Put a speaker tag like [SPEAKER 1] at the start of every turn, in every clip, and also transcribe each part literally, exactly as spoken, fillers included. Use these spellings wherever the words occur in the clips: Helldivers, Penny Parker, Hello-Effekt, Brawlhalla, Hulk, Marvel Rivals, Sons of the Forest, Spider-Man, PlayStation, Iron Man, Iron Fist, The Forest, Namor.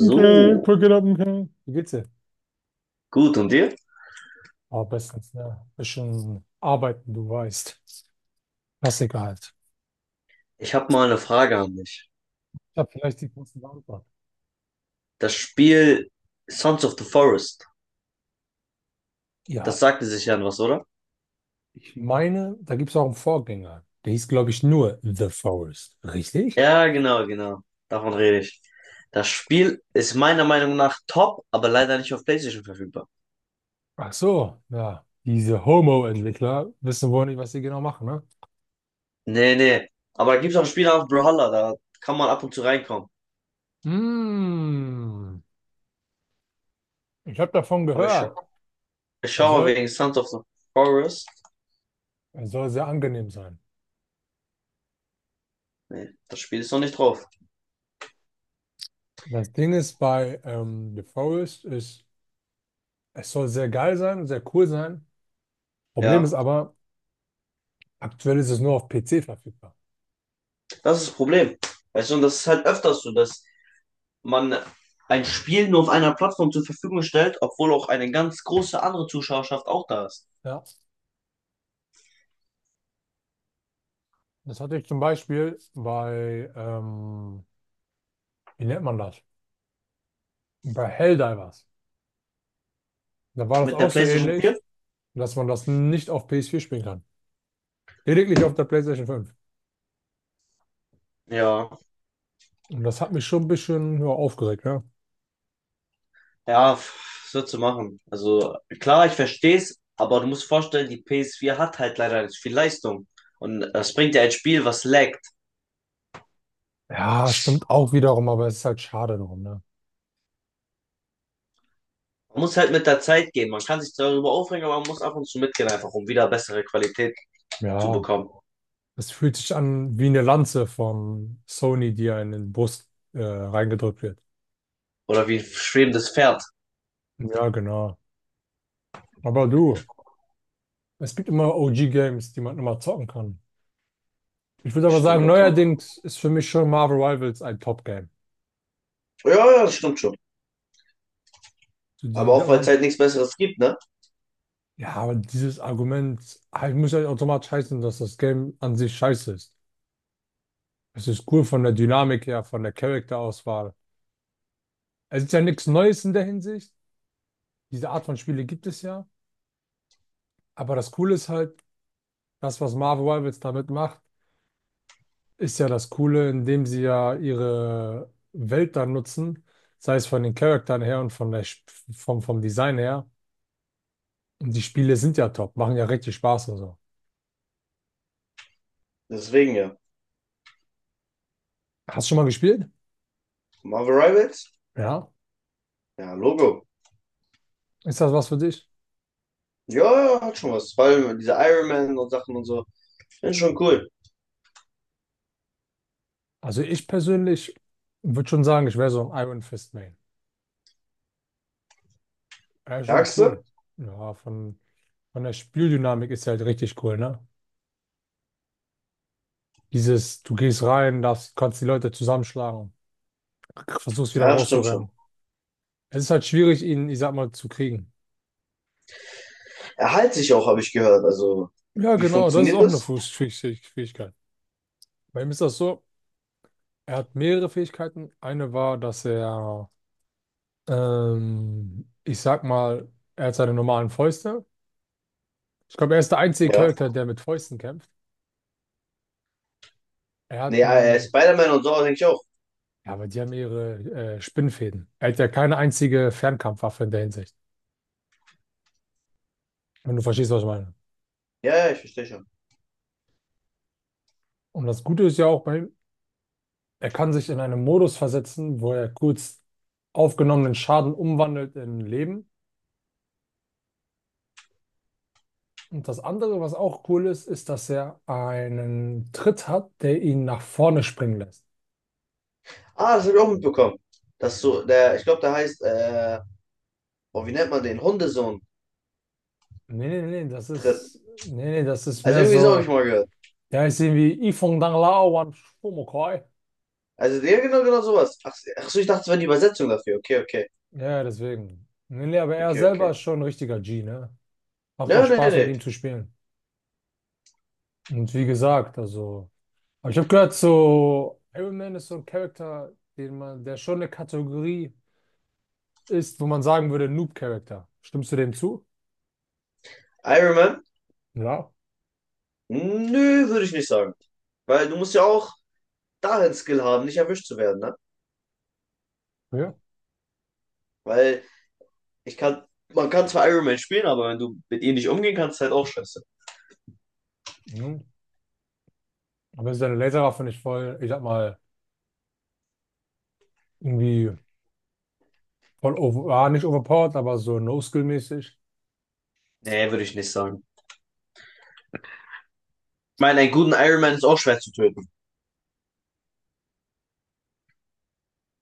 [SPEAKER 1] Okay, Brücke ab, okay. Wie geht's dir?
[SPEAKER 2] gut, und dir?
[SPEAKER 1] Aber bestens, ne? Bisschen arbeiten, du weißt. Klassiker halt.
[SPEAKER 2] Ich habe mal eine Frage an dich.
[SPEAKER 1] Ich habe vielleicht die kurze Antwort.
[SPEAKER 2] Das Spiel Sons of the Forest, das
[SPEAKER 1] Ja,
[SPEAKER 2] sagte sich ja was, oder?
[SPEAKER 1] ich meine, da gibt es auch einen Vorgänger. Der hieß, glaube ich, nur The Forest. Richtig?
[SPEAKER 2] Ja, genau, genau. Davon rede ich. Das Spiel ist meiner Meinung nach top, aber leider nicht auf PlayStation verfügbar.
[SPEAKER 1] Ach so, ja. Diese Homo-Entwickler wissen wohl nicht, was sie genau machen, ne?
[SPEAKER 2] Nee, nee. Aber da gibt es auch Spiele auf Brawlhalla, da kann man ab und zu reinkommen.
[SPEAKER 1] Mm, ich habe davon
[SPEAKER 2] Aber ich, scha
[SPEAKER 1] gehört.
[SPEAKER 2] ich
[SPEAKER 1] Er
[SPEAKER 2] schaue mal
[SPEAKER 1] soll,
[SPEAKER 2] wegen Sons of the Forest.
[SPEAKER 1] er soll sehr angenehm sein.
[SPEAKER 2] Nee, das Spiel ist noch nicht drauf.
[SPEAKER 1] Das Ding ist bei ähm, The Forest ist, es soll sehr geil sein und sehr cool sein. Problem
[SPEAKER 2] Ja,
[SPEAKER 1] ist aber, aktuell ist es nur auf p c verfügbar.
[SPEAKER 2] das ist das Problem. Weißt du, und das ist halt öfters so, dass man ein Spiel nur auf einer Plattform zur Verfügung stellt, obwohl auch eine ganz große andere Zuschauerschaft auch da ist.
[SPEAKER 1] Ja, das hatte ich zum Beispiel bei, ähm, wie nennt man das? Bei Helldivers. Da war das
[SPEAKER 2] Mit der
[SPEAKER 1] auch so
[SPEAKER 2] PlayStation vier.
[SPEAKER 1] ähnlich, dass man das nicht auf p s vier spielen kann. Lediglich auf der PlayStation fünf.
[SPEAKER 2] Ja.
[SPEAKER 1] Und das hat mich schon ein bisschen ja, aufgeregt, ne?
[SPEAKER 2] Ja, pff, was willst du machen? Also klar, ich verstehe es, aber du musst vorstellen, die ps vier hat halt leider nicht viel Leistung. Und das bringt ja ein Spiel, was laggt.
[SPEAKER 1] Ja, stimmt auch wiederum, aber es ist halt schade darum, ne?
[SPEAKER 2] Man muss halt mit der Zeit gehen. Man kann sich darüber aufregen, aber man muss ab und zu mitgehen, einfach um wieder bessere Qualität zu
[SPEAKER 1] Ja,
[SPEAKER 2] bekommen.
[SPEAKER 1] es fühlt sich an wie eine Lanze von Sony, die einem in die Brust äh, reingedrückt wird.
[SPEAKER 2] Oder wie ein schwebendes Pferd.
[SPEAKER 1] Ja, genau. Aber du. Es gibt immer o g-Games, die man immer zocken kann. Ich würde
[SPEAKER 2] Das
[SPEAKER 1] aber
[SPEAKER 2] stimmt
[SPEAKER 1] sagen,
[SPEAKER 2] natürlich.
[SPEAKER 1] neuerdings ist für mich schon Marvel Rivals ein Top-Game.
[SPEAKER 2] Ja, ja, das stimmt schon.
[SPEAKER 1] So
[SPEAKER 2] Aber
[SPEAKER 1] die, die,
[SPEAKER 2] auch, weil es
[SPEAKER 1] aber-
[SPEAKER 2] halt nichts Besseres gibt, ne?
[SPEAKER 1] ja, aber dieses Argument ah, ich muss ja nicht automatisch heißen, dass das Game an sich scheiße ist. Es ist cool von der Dynamik her, von der Charakterauswahl. Es ist ja nichts Neues in der Hinsicht. Diese Art von Spiele gibt es ja. Aber das Coole ist halt, das, was Marvel Rivals damit macht, ist ja das Coole, indem sie ja ihre Welt dann nutzen, sei es von den Charakteren her und von der, Sp- vom, vom Design her. Und die Spiele sind ja top, machen ja richtig Spaß und so.
[SPEAKER 2] Deswegen ja.
[SPEAKER 1] Hast du schon mal gespielt?
[SPEAKER 2] Marvel Rivals?
[SPEAKER 1] Ja.
[SPEAKER 2] Ja, Logo.
[SPEAKER 1] Ist das was für dich?
[SPEAKER 2] Ja, ja, hat schon was. Vor allem diese Iron Man und Sachen und so. Finde ich schon cool.
[SPEAKER 1] Also ich persönlich würde schon sagen, ich wäre so ein Iron Fist Main. Ja, schon
[SPEAKER 2] Sagst
[SPEAKER 1] cool.
[SPEAKER 2] du?
[SPEAKER 1] Ja, von, von der Spieldynamik ist halt richtig cool, ne? Dieses, du gehst rein, darfst, kannst die Leute zusammenschlagen, versuchst wieder
[SPEAKER 2] Ja, stimmt schon.
[SPEAKER 1] rauszurennen. Es ist halt schwierig, ihn, ich sag mal, zu kriegen.
[SPEAKER 2] Er heilt sich auch, habe ich gehört. Also,
[SPEAKER 1] Ja,
[SPEAKER 2] wie
[SPEAKER 1] genau, das ist
[SPEAKER 2] funktioniert
[SPEAKER 1] auch eine
[SPEAKER 2] das?
[SPEAKER 1] Fuß- Fähig- Fähigkeit. Bei ihm ist das so, er hat mehrere Fähigkeiten. Eine war, dass er, ähm, ich sag mal, er hat seine normalen Fäuste. Ich glaube, er ist der einzige
[SPEAKER 2] Ja.
[SPEAKER 1] Charakter, der mit Fäusten kämpft. Er
[SPEAKER 2] Nee,
[SPEAKER 1] hat
[SPEAKER 2] äh,
[SPEAKER 1] einen,
[SPEAKER 2] Spider-Man und so, denke ich auch.
[SPEAKER 1] ja, aber die haben ihre äh, Spinnfäden. Er hat ja keine einzige Fernkampfwaffe in der Hinsicht, wenn du verstehst, was ich meine.
[SPEAKER 2] Ja, ja, ich verstehe schon.
[SPEAKER 1] Und das Gute ist ja auch bei ihm, er kann sich in einen Modus versetzen, wo er kurz aufgenommenen Schaden umwandelt in Leben. Und das andere, was auch cool ist, ist, dass er einen Tritt hat, der ihn nach vorne springen lässt.
[SPEAKER 2] Ah, das habe ich auch mitbekommen. Dass so, der, ich glaube, der heißt, äh, oh, wie nennt man den? Hundesohn
[SPEAKER 1] Nee, nee, nee, das
[SPEAKER 2] tritt.
[SPEAKER 1] ist, nee, nee, das ist
[SPEAKER 2] Also
[SPEAKER 1] mehr
[SPEAKER 2] irgendwie so habe ich
[SPEAKER 1] so,
[SPEAKER 2] mal gehört.
[SPEAKER 1] ja, ich sehe wie Yifeng Danglao Wan Shomokoi.
[SPEAKER 2] Also, ja, genau, genau sowas. Ach, ach so, ich dachte, es wäre die Übersetzung dafür. Okay, okay.
[SPEAKER 1] Ja, deswegen. Nee, nee, aber er
[SPEAKER 2] Okay, okay.
[SPEAKER 1] selber ist schon ein richtiger G, ne? Macht auch
[SPEAKER 2] Ja, nee,
[SPEAKER 1] Spaß, mit
[SPEAKER 2] nee.
[SPEAKER 1] ihm zu spielen. Und wie gesagt, also, aber ich habe gehört, so Iron Man ist so ein Charakter, den man, der schon eine Kategorie ist, wo man sagen würde, Noob-Charakter. Stimmst du dem zu?
[SPEAKER 2] Iron Man.
[SPEAKER 1] Ja.
[SPEAKER 2] Nö, würde ich nicht sagen. Weil du musst ja auch darin Skill haben, nicht erwischt zu werden, ne?
[SPEAKER 1] Ja.
[SPEAKER 2] Weil ich kann, man kann zwar Iron Man spielen, aber wenn du mit ihm nicht umgehen kannst, ist halt auch scheiße.
[SPEAKER 1] Aber seine Laserwaffe nicht voll, ich sag mal, irgendwie voll over, ah, nicht overpowered, aber so No-Skill-mäßig.
[SPEAKER 2] Nee, würde ich nicht sagen. Ich meine, einen guten Iron Man ist auch schwer zu töten.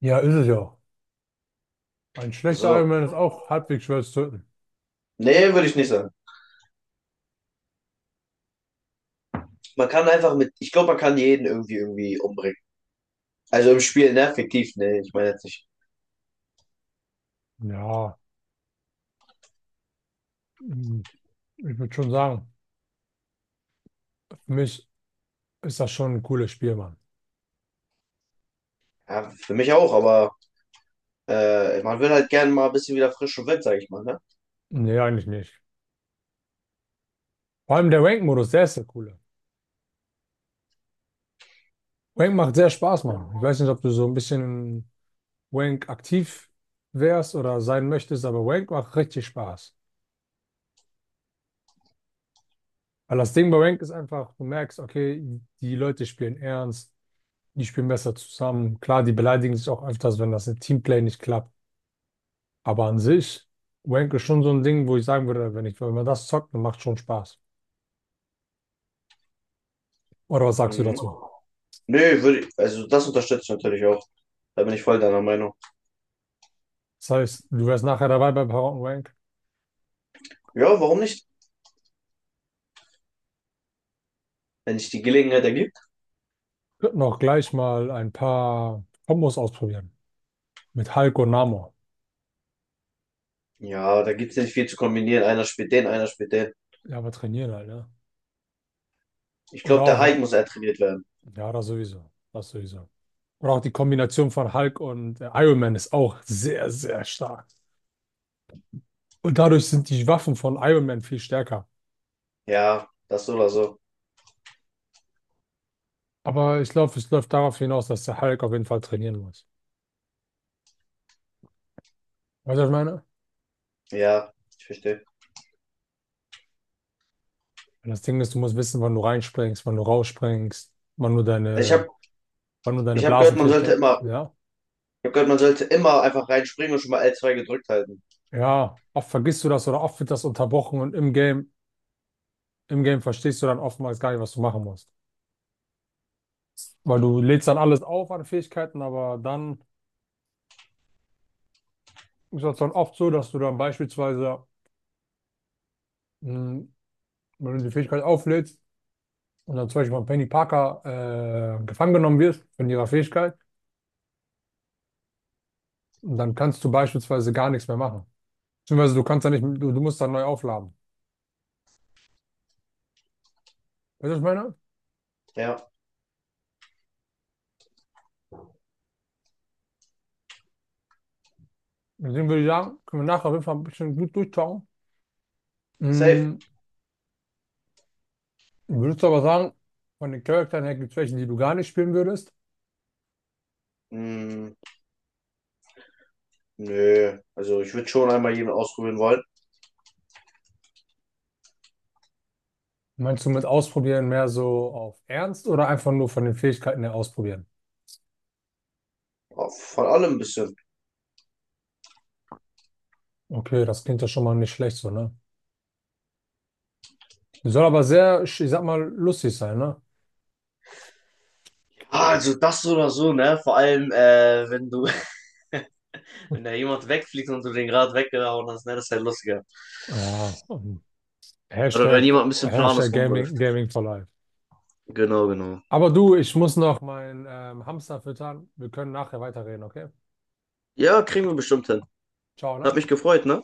[SPEAKER 1] Ja, ist es ja. Ein schlechter Iron
[SPEAKER 2] So.
[SPEAKER 1] Man ist auch halbwegs schwer zu töten.
[SPEAKER 2] Nee, würde ich nicht sagen. Man kann einfach mit, ich glaube, man kann jeden irgendwie irgendwie umbringen. Also im Spiel, ne? Fiktiv, nee, ich meine jetzt nicht.
[SPEAKER 1] Ja, mm, ich würde schon sagen, für mich ist das schon ein cooles Spiel, Mann.
[SPEAKER 2] Ja, für mich auch, aber äh, man will halt gerne mal ein bisschen wieder frisch und wild, sag ich mal, ne?
[SPEAKER 1] Nee, eigentlich nicht. Vor allem der Rank-Modus, der ist der coole. Rank macht sehr Spaß, Mann. Ich weiß nicht, ob du so ein bisschen in Rank aktiv wärst oder sein möchtest, aber Rank macht richtig Spaß. Weil das Ding bei Rank ist einfach, du merkst, okay, die Leute spielen ernst. Die spielen besser zusammen. Klar, die beleidigen sich auch öfters, wenn das im Teamplay nicht klappt. Aber an sich, Wank ist schon so ein Ding, wo ich sagen würde, wenn ich, wenn man das zockt, dann macht schon Spaß. Oder was sagst du
[SPEAKER 2] Mhm.
[SPEAKER 1] dazu?
[SPEAKER 2] Nee, würde ich, also das unterstütze ich natürlich auch. Da bin ich voll deiner Meinung.
[SPEAKER 1] Das heißt, du wärst nachher dabei bei Power und Wank.
[SPEAKER 2] Ja, warum nicht? Wenn sich die Gelegenheit ergibt.
[SPEAKER 1] Könnten auch gleich mal ein paar Kombos ausprobieren. Mit Hulk und Namor.
[SPEAKER 2] Ja, da gibt es nicht viel zu kombinieren. Einer spielt den, einer spielt den.
[SPEAKER 1] Ja, aber trainieren halt, ne?
[SPEAKER 2] Ich
[SPEAKER 1] Oder
[SPEAKER 2] glaube, der Hype
[SPEAKER 1] auch,
[SPEAKER 2] muss trainiert werden.
[SPEAKER 1] ja, das sowieso. Das sowieso. Oder auch die Kombination von Hulk und äh, Iron Man ist auch sehr, sehr stark. Und dadurch sind die Waffen von Iron Man viel stärker.
[SPEAKER 2] Ja, das so oder so.
[SPEAKER 1] Aber ich glaube, es läuft darauf hinaus, dass der Hulk auf jeden Fall trainieren muss. Weißt du, was ich meine?
[SPEAKER 2] Ja, ich verstehe.
[SPEAKER 1] Und das Ding ist, du musst wissen, wann du reinspringst, wann du rausspringst, wann du
[SPEAKER 2] Also ich
[SPEAKER 1] deine,
[SPEAKER 2] habe
[SPEAKER 1] wann du deine
[SPEAKER 2] ich hab gehört, man sollte
[SPEAKER 1] Blasenfähigkeit.
[SPEAKER 2] immer,
[SPEAKER 1] Ja.
[SPEAKER 2] ich hab gehört, man sollte immer einfach reinspringen und schon mal l zwei gedrückt halten.
[SPEAKER 1] Ja. Oft vergisst du das oder oft wird das unterbrochen und im Game, im Game verstehst du dann oftmals gar nicht, was du machen musst. Weil du lädst dann alles auf an Fähigkeiten, aber dann ist das dann oft so, dass du dann beispielsweise, mh, wenn du die Fähigkeit auflädst und dann zum Beispiel von Penny Parker äh, gefangen genommen wirst von ihrer Fähigkeit, und dann kannst du beispielsweise gar nichts mehr machen. Beziehungsweise du kannst da nicht, du, du musst dann neu aufladen. Weißt du, was ich meine?
[SPEAKER 2] Ja,
[SPEAKER 1] Deswegen würde ich sagen, können wir nachher auf jeden Fall ein bisschen gut durchschauen.
[SPEAKER 2] safe.
[SPEAKER 1] Mm, würdest du aber sagen, von den Charakteren her gibt es welche, die du gar nicht spielen würdest?
[SPEAKER 2] Hm, nö. Also ich würde schon einmal jeden ausprobieren wollen.
[SPEAKER 1] Meinst du mit ausprobieren mehr so auf Ernst oder einfach nur von den Fähigkeiten her ausprobieren?
[SPEAKER 2] Ja, von allem ein bisschen.
[SPEAKER 1] Okay, das klingt ja schon mal nicht schlecht so, ne? Soll aber sehr, ich sag mal, lustig sein, ne?
[SPEAKER 2] Ah, also das so oder so, ne? Vor allem, äh, wenn du wenn da jemand wegfliegt und du den gerade weggehauen hast, ne, das ist halt lustiger.
[SPEAKER 1] Ja, ähm,
[SPEAKER 2] Oder wenn
[SPEAKER 1] Hashtag,
[SPEAKER 2] jemand ein bisschen planlos
[SPEAKER 1] Hashtag
[SPEAKER 2] rumläuft.
[SPEAKER 1] Gaming, Gaming for Life.
[SPEAKER 2] Genau, genau.
[SPEAKER 1] Aber du, ich muss noch meinen ähm, Hamster füttern. Wir können nachher weiterreden, okay?
[SPEAKER 2] Ja, kriegen wir bestimmt hin.
[SPEAKER 1] Ciao,
[SPEAKER 2] Hat
[SPEAKER 1] ne?
[SPEAKER 2] mich gefreut, ne?